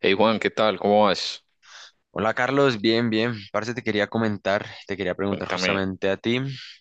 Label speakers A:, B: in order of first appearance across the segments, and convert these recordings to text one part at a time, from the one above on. A: Hey Juan, ¿qué tal? ¿Cómo vas?
B: Hola Carlos, bien, bien. Parce, te quería comentar, te quería preguntar
A: Cuéntame.
B: justamente a ti.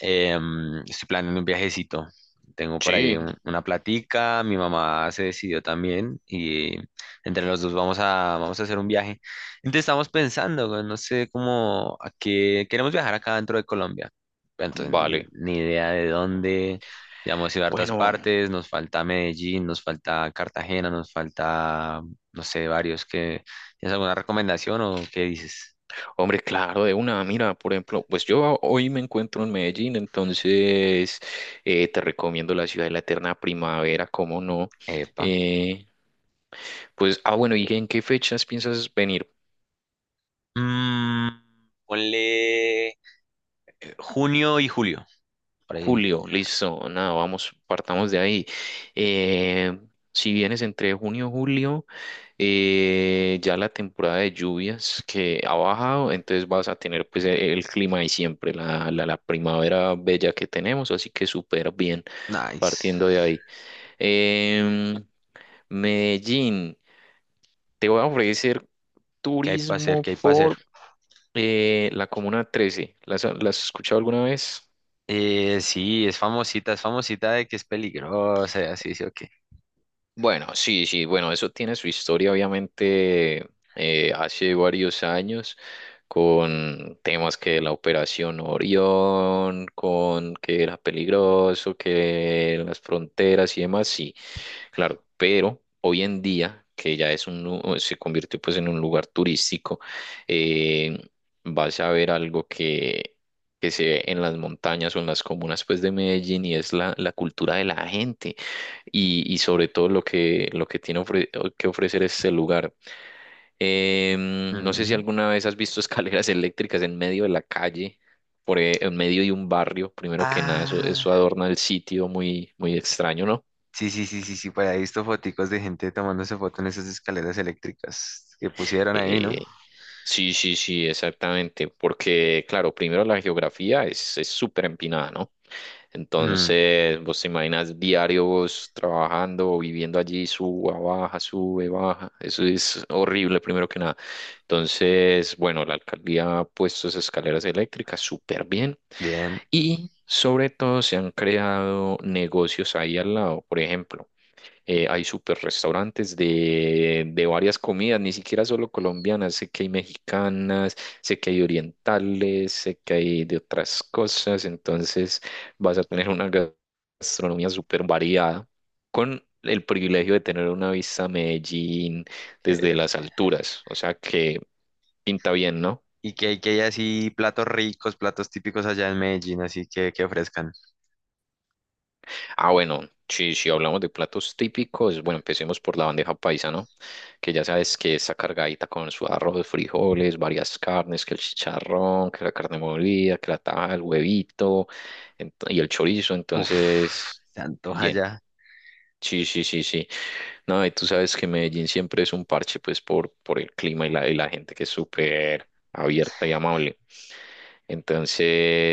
B: Estoy planeando un viajecito. Tengo por ahí
A: Sí,
B: una platica, mi mamá se decidió también y entre los dos vamos a hacer un viaje. Entonces estamos pensando, güey, no sé cómo, a qué queremos viajar acá dentro de Colombia. Pero
A: vale.
B: entonces, ni idea de dónde. Ya hemos ido a hartas
A: Bueno,
B: partes, nos falta Medellín, nos falta Cartagena, nos falta, no sé, varios que ¿tienes alguna recomendación o qué dices?
A: hombre, claro, de una. Mira, por ejemplo, pues yo hoy me encuentro en Medellín, entonces te recomiendo la ciudad de la eterna primavera, ¿cómo no?
B: Epa.
A: Eh, pues, bueno, ¿y en qué fechas piensas venir?
B: Mm, Ponle junio y julio. Por ahí.
A: Julio, listo, nada, vamos, partamos de ahí. Eh, si vienes entre junio y julio, ya la temporada de lluvias que ha bajado, entonces vas a tener pues el clima de siempre, la primavera bella que tenemos, así que súper bien
B: Nice.
A: partiendo de ahí. Em, Medellín, te voy a ofrecer
B: ¿Qué hay para hacer?
A: turismo
B: ¿Qué hay para hacer?
A: por la Comuna 13. ¿Las has escuchado alguna vez?
B: Sí, es famosita de que es peligrosa, y así, sí, o qué.
A: Bueno, sí, sí, bueno, eso tiene su historia, obviamente, hace varios años, con temas que la Operación Orión, con que era peligroso, que las fronteras y demás, sí, claro, pero hoy en día, que ya es se convirtió pues en un lugar turístico, eh, vas a ver algo que se ve en las montañas o en las comunas pues de Medellín y es la cultura de la gente y sobre todo lo que tiene que ofrecer este lugar. No sé si
B: Ujú.
A: alguna vez has visto escaleras eléctricas en medio de la calle, en medio de un barrio, primero que nada, eso,
B: Ah,
A: eso adorna el sitio muy, muy extraño, ¿no?
B: sí, sí, sí, sí, sí, por ahí he visto foticos de gente tomándose foto en esas escaleras eléctricas que pusieron ahí, ¿no?
A: Eh, sí, sí, sí, exactamente, porque claro, primero la geografía es súper empinada, ¿no?
B: Mm,
A: Entonces, vos te imaginas diario vos trabajando o viviendo allí, suba, baja, sube, baja. Eso es horrible, primero que nada. Entonces, bueno, la alcaldía ha puesto esas escaleras eléctricas súper bien
B: bien.
A: y sobre todo se han creado negocios ahí al lado. Por ejemplo, hay super restaurantes de varias comidas, ni siquiera solo colombianas, sé que hay mexicanas, sé que hay orientales, sé que hay de otras cosas, entonces vas a tener una gastronomía súper variada con el privilegio de tener una vista a Medellín
B: Qué
A: desde
B: bello.
A: las alturas, o sea que pinta bien, ¿no?
B: Y que hay así platos ricos, platos típicos allá en Medellín, así que ofrezcan.
A: Ah, bueno, si hablamos de platos típicos, bueno, empecemos por la bandeja paisa, ¿no? Que ya sabes que está cargadita con su arroz, frijoles, varias carnes, que el chicharrón, que la carne molida, que la taja, el huevito y el chorizo.
B: Uf,
A: Entonces,
B: se antoja
A: bien.
B: ya.
A: Sí, sí, sí, sí. No, y tú sabes que Medellín siempre es un parche, pues, por el clima y la gente que es súper abierta y amable.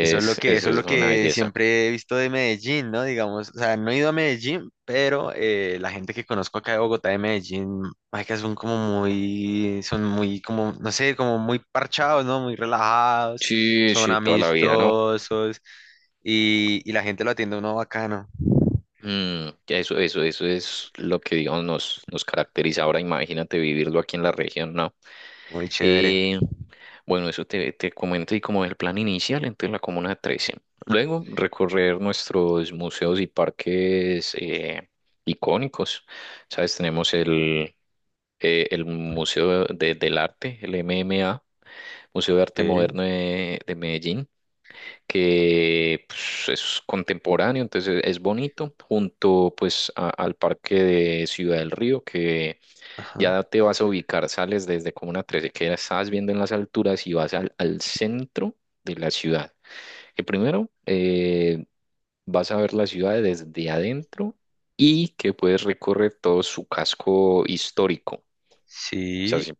B: Eso es lo que, eso
A: eso
B: es
A: es
B: lo
A: una
B: que
A: belleza.
B: siempre he visto de Medellín, ¿no? Digamos, o sea, no he ido a Medellín, pero la gente que conozco acá de Bogotá, de Medellín, que son como muy, son muy como, no sé, como muy parchados, ¿no? Muy relajados,
A: Sí,
B: son
A: sí, toda la vida, ¿no?
B: amistosos y la gente lo atiende a uno bacano,
A: Eso es lo que, digamos, nos caracteriza. Ahora imagínate vivirlo aquí en la región, ¿no?
B: muy chévere.
A: Eh, bueno, eso te comento y como el plan inicial, entonces la Comuna 13. Luego, recorrer nuestros museos y parques icónicos. ¿Sabes? Tenemos el Museo del Arte, el MMA, Museo de Arte
B: Ok.
A: Moderno de Medellín que pues, es contemporáneo, entonces es bonito, junto pues al parque de Ciudad del Río, que
B: Ajá.
A: ya te vas a ubicar, sales desde Comuna 13 que ya estás viendo en las alturas y vas al centro de la ciudad. Que primero vas a ver la ciudad desde adentro y que puedes recorrer todo su casco histórico. O sea,
B: Sí.
A: sí,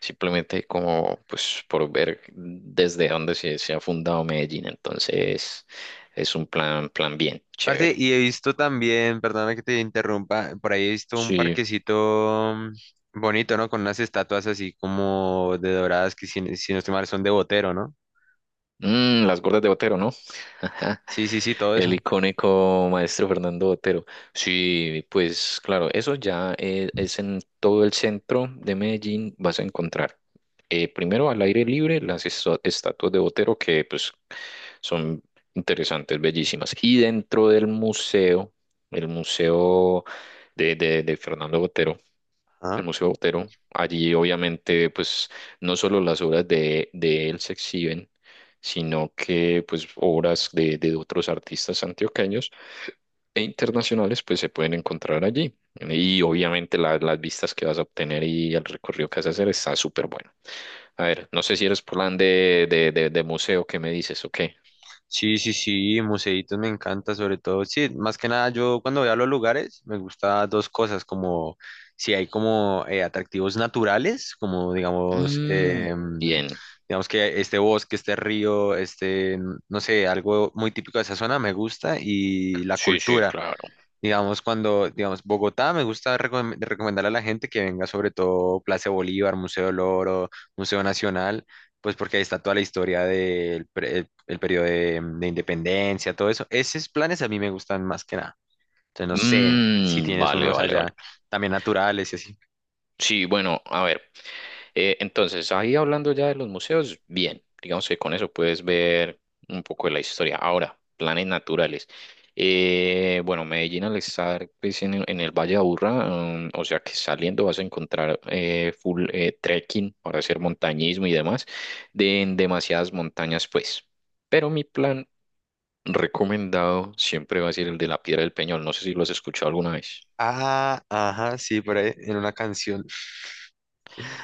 A: simplemente como pues por ver desde dónde se ha fundado Medellín. Entonces es un plan, plan bien,
B: Parce,
A: chévere.
B: y he visto también, perdona que te interrumpa, por ahí he visto un
A: Sí.
B: parquecito bonito, ¿no? Con unas estatuas así como de doradas que si, si no estoy mal son de Botero, ¿no?
A: Las gordas de Botero, ¿no?
B: Sí, sí, sí, todo
A: El
B: eso.
A: icónico maestro Fernando Botero. Sí, pues claro, eso ya en todo el centro de Medellín vas a encontrar. Primero al aire libre las estatuas de Botero que pues son interesantes, bellísimas. Y dentro del museo, el museo de Fernando Botero, el Museo Botero. Allí obviamente pues no solo las obras de él se exhiben, sino que pues obras de otros artistas antioqueños e internacionales pues se pueden encontrar allí. Y obviamente las vistas que vas a obtener y el recorrido que vas a hacer está súper bueno. A ver, no sé si eres plan de museo, ¿qué me dices o qué?
B: Sí, sí, sí, museitos me encanta, sobre todo, sí, más que nada yo cuando voy a los lugares me gusta dos cosas, como si hay como atractivos naturales, como digamos,
A: Mm, bien.
B: digamos que este bosque, este río, este, no sé, algo muy típico de esa zona me gusta y la
A: Sí, sí,
B: cultura.
A: claro.
B: Digamos, cuando, digamos, Bogotá, me gusta recomendarle a la gente que venga sobre todo Plaza de Bolívar, Museo del Oro, Museo Nacional, pues porque ahí está toda la historia el periodo de independencia, todo eso. Esos planes a mí me gustan más que nada. Entonces, no sé si
A: Mm,
B: tienes
A: vale,
B: unos
A: vale, vale.
B: allá también naturales y así.
A: Sí, bueno, a ver. Entonces, ahí hablando ya de los museos, bien, digamos que con eso puedes ver un poco de la historia. Ahora, planes naturales. Bueno, Medellín al estar pues, en el Valle de Aburrá, o sea que saliendo vas a encontrar full trekking para hacer montañismo y demás, en demasiadas montañas pues. Pero mi plan recomendado siempre va a ser el de la Piedra del Peñol. No sé si lo has escuchado alguna vez.
B: Ah, ajá, sí, por ahí en una canción.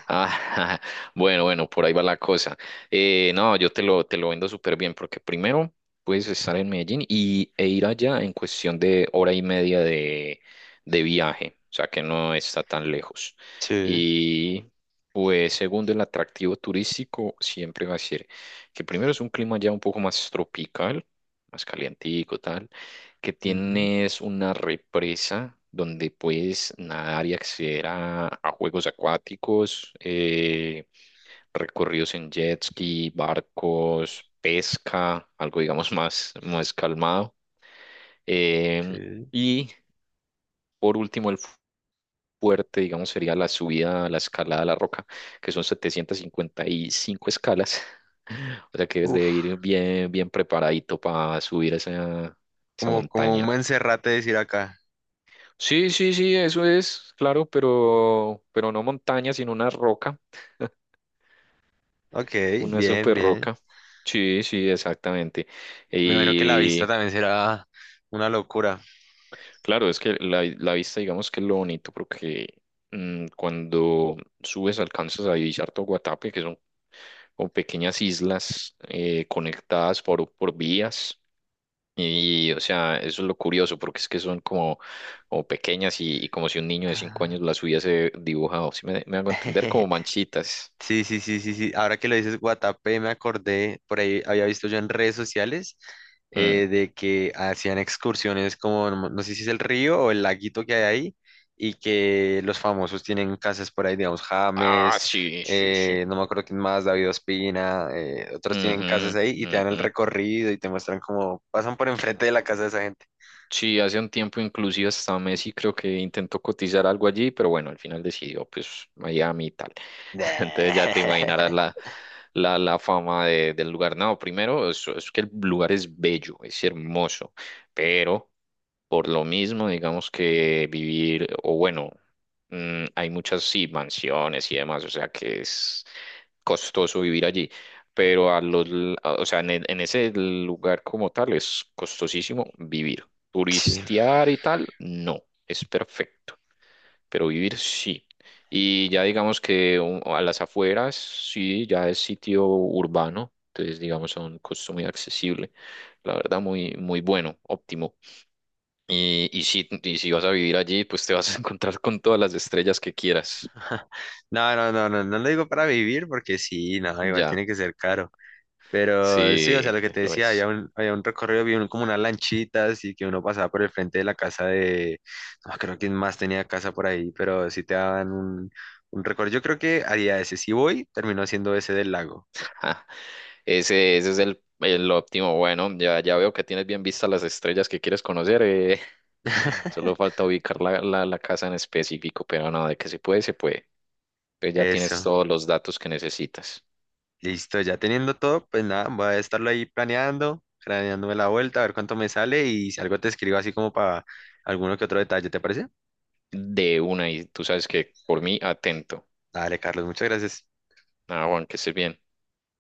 A: Ah, bueno, bueno, por ahí va la cosa. No, yo te lo vendo súper bien porque primero puedes estar en Medellín e ir allá en cuestión de hora y media de viaje, o sea que no está tan lejos.
B: Sí.
A: Y pues segundo, el atractivo turístico siempre va a ser que primero es un clima ya un poco más tropical, más calientico, tal que
B: Ujú,
A: tienes una represa donde puedes nadar y acceder a juegos acuáticos, recorridos en jet ski, barcos, pesca, algo digamos más, más calmado. Em,
B: ok.
A: y por último, el fuerte, digamos, sería la subida, la escalada a la roca, que son 755 escalas. O sea que debes
B: Uf,
A: de ir bien, bien preparadito para subir esa
B: como, como un
A: montaña.
B: Monserrate decir acá.
A: Sí, sí, sí, eso es, claro, pero no montaña, sino una roca,
B: Ok,
A: una
B: bien,
A: super
B: bien.
A: roca. Sí, sí, exactamente.
B: Me imagino que la vista
A: Y
B: también será una locura.
A: claro, es que la vista, digamos que es lo bonito, porque cuando subes alcanzas a divisar todo Guatapé, que son como pequeñas islas conectadas por vías. Y, o sea, eso es lo curioso, porque es que son como pequeñas y como si un niño de cinco
B: Ah,
A: años las hubiese dibujado. Si me hago entender, como manchitas.
B: sí, sí, sí, sí, sí. Ahora que lo dices, Guatapé, me acordé, por ahí había visto yo en redes sociales
A: Mm.
B: de que hacían excursiones como, no sé si es el río o el laguito que hay ahí, y que los famosos tienen casas por ahí, digamos,
A: Ah,
B: James,
A: sí, sí, sí.
B: no me acuerdo quién más, David Ospina, otros tienen casas
A: Ujú,
B: ahí y te dan el
A: ujú.
B: recorrido y te muestran cómo pasan por enfrente de la casa de esa gente.
A: Sí, hace un tiempo inclusive hasta Messi creo que intentó cotizar algo allí, pero bueno, al final decidió pues Miami y tal. Entonces ya te imaginarás la fama del lugar. No, primero es que el lugar es bello, es hermoso, pero por lo mismo digamos que vivir, o bueno, hay muchas sí, mansiones y demás, o sea que es costoso vivir allí pero a los, l- a- o sea, en ese lugar como tal es costosísimo vivir.
B: Sí.
A: Turistear y tal, no, es perfecto, pero vivir sí. Y ya digamos que a las afueras, sí, ya es sitio urbano, entonces digamos a un costo muy accesible, la verdad muy, muy bueno, óptimo. Y si vas a vivir allí, pues te vas a encontrar con todas las estrellas que quieras,
B: No, no, no, no, no lo digo para vivir porque sí, no, igual
A: ya,
B: tiene que ser caro. Pero sí, o sea,
A: sí,
B: lo que te
A: lo
B: decía,
A: es.
B: había un recorrido, había como unas lanchitas y que uno pasaba por el frente de la casa de, no creo que más tenía casa por ahí, pero sí te daban un recorrido. Yo creo que haría ese. Si voy, terminó haciendo ese del lago.
A: Ja. Ese es el óptimo. Bueno, ya veo que tienes bien vistas las estrellas que quieres conocer. Solo falta ubicar la casa en específico, pero no, de que se puede, se puede. Pues ya tienes
B: Eso,
A: todos los datos que necesitas.
B: listo, ya teniendo todo, pues nada, voy a estarlo ahí planeando, planeándome la vuelta, a ver cuánto me sale y si algo te escribo así como para alguno que otro detalle, ¿te parece?
A: De una, y tú sabes que por mí, atento.
B: Dale, Carlos, muchas gracias.
A: Nada, Juan, que estés bien.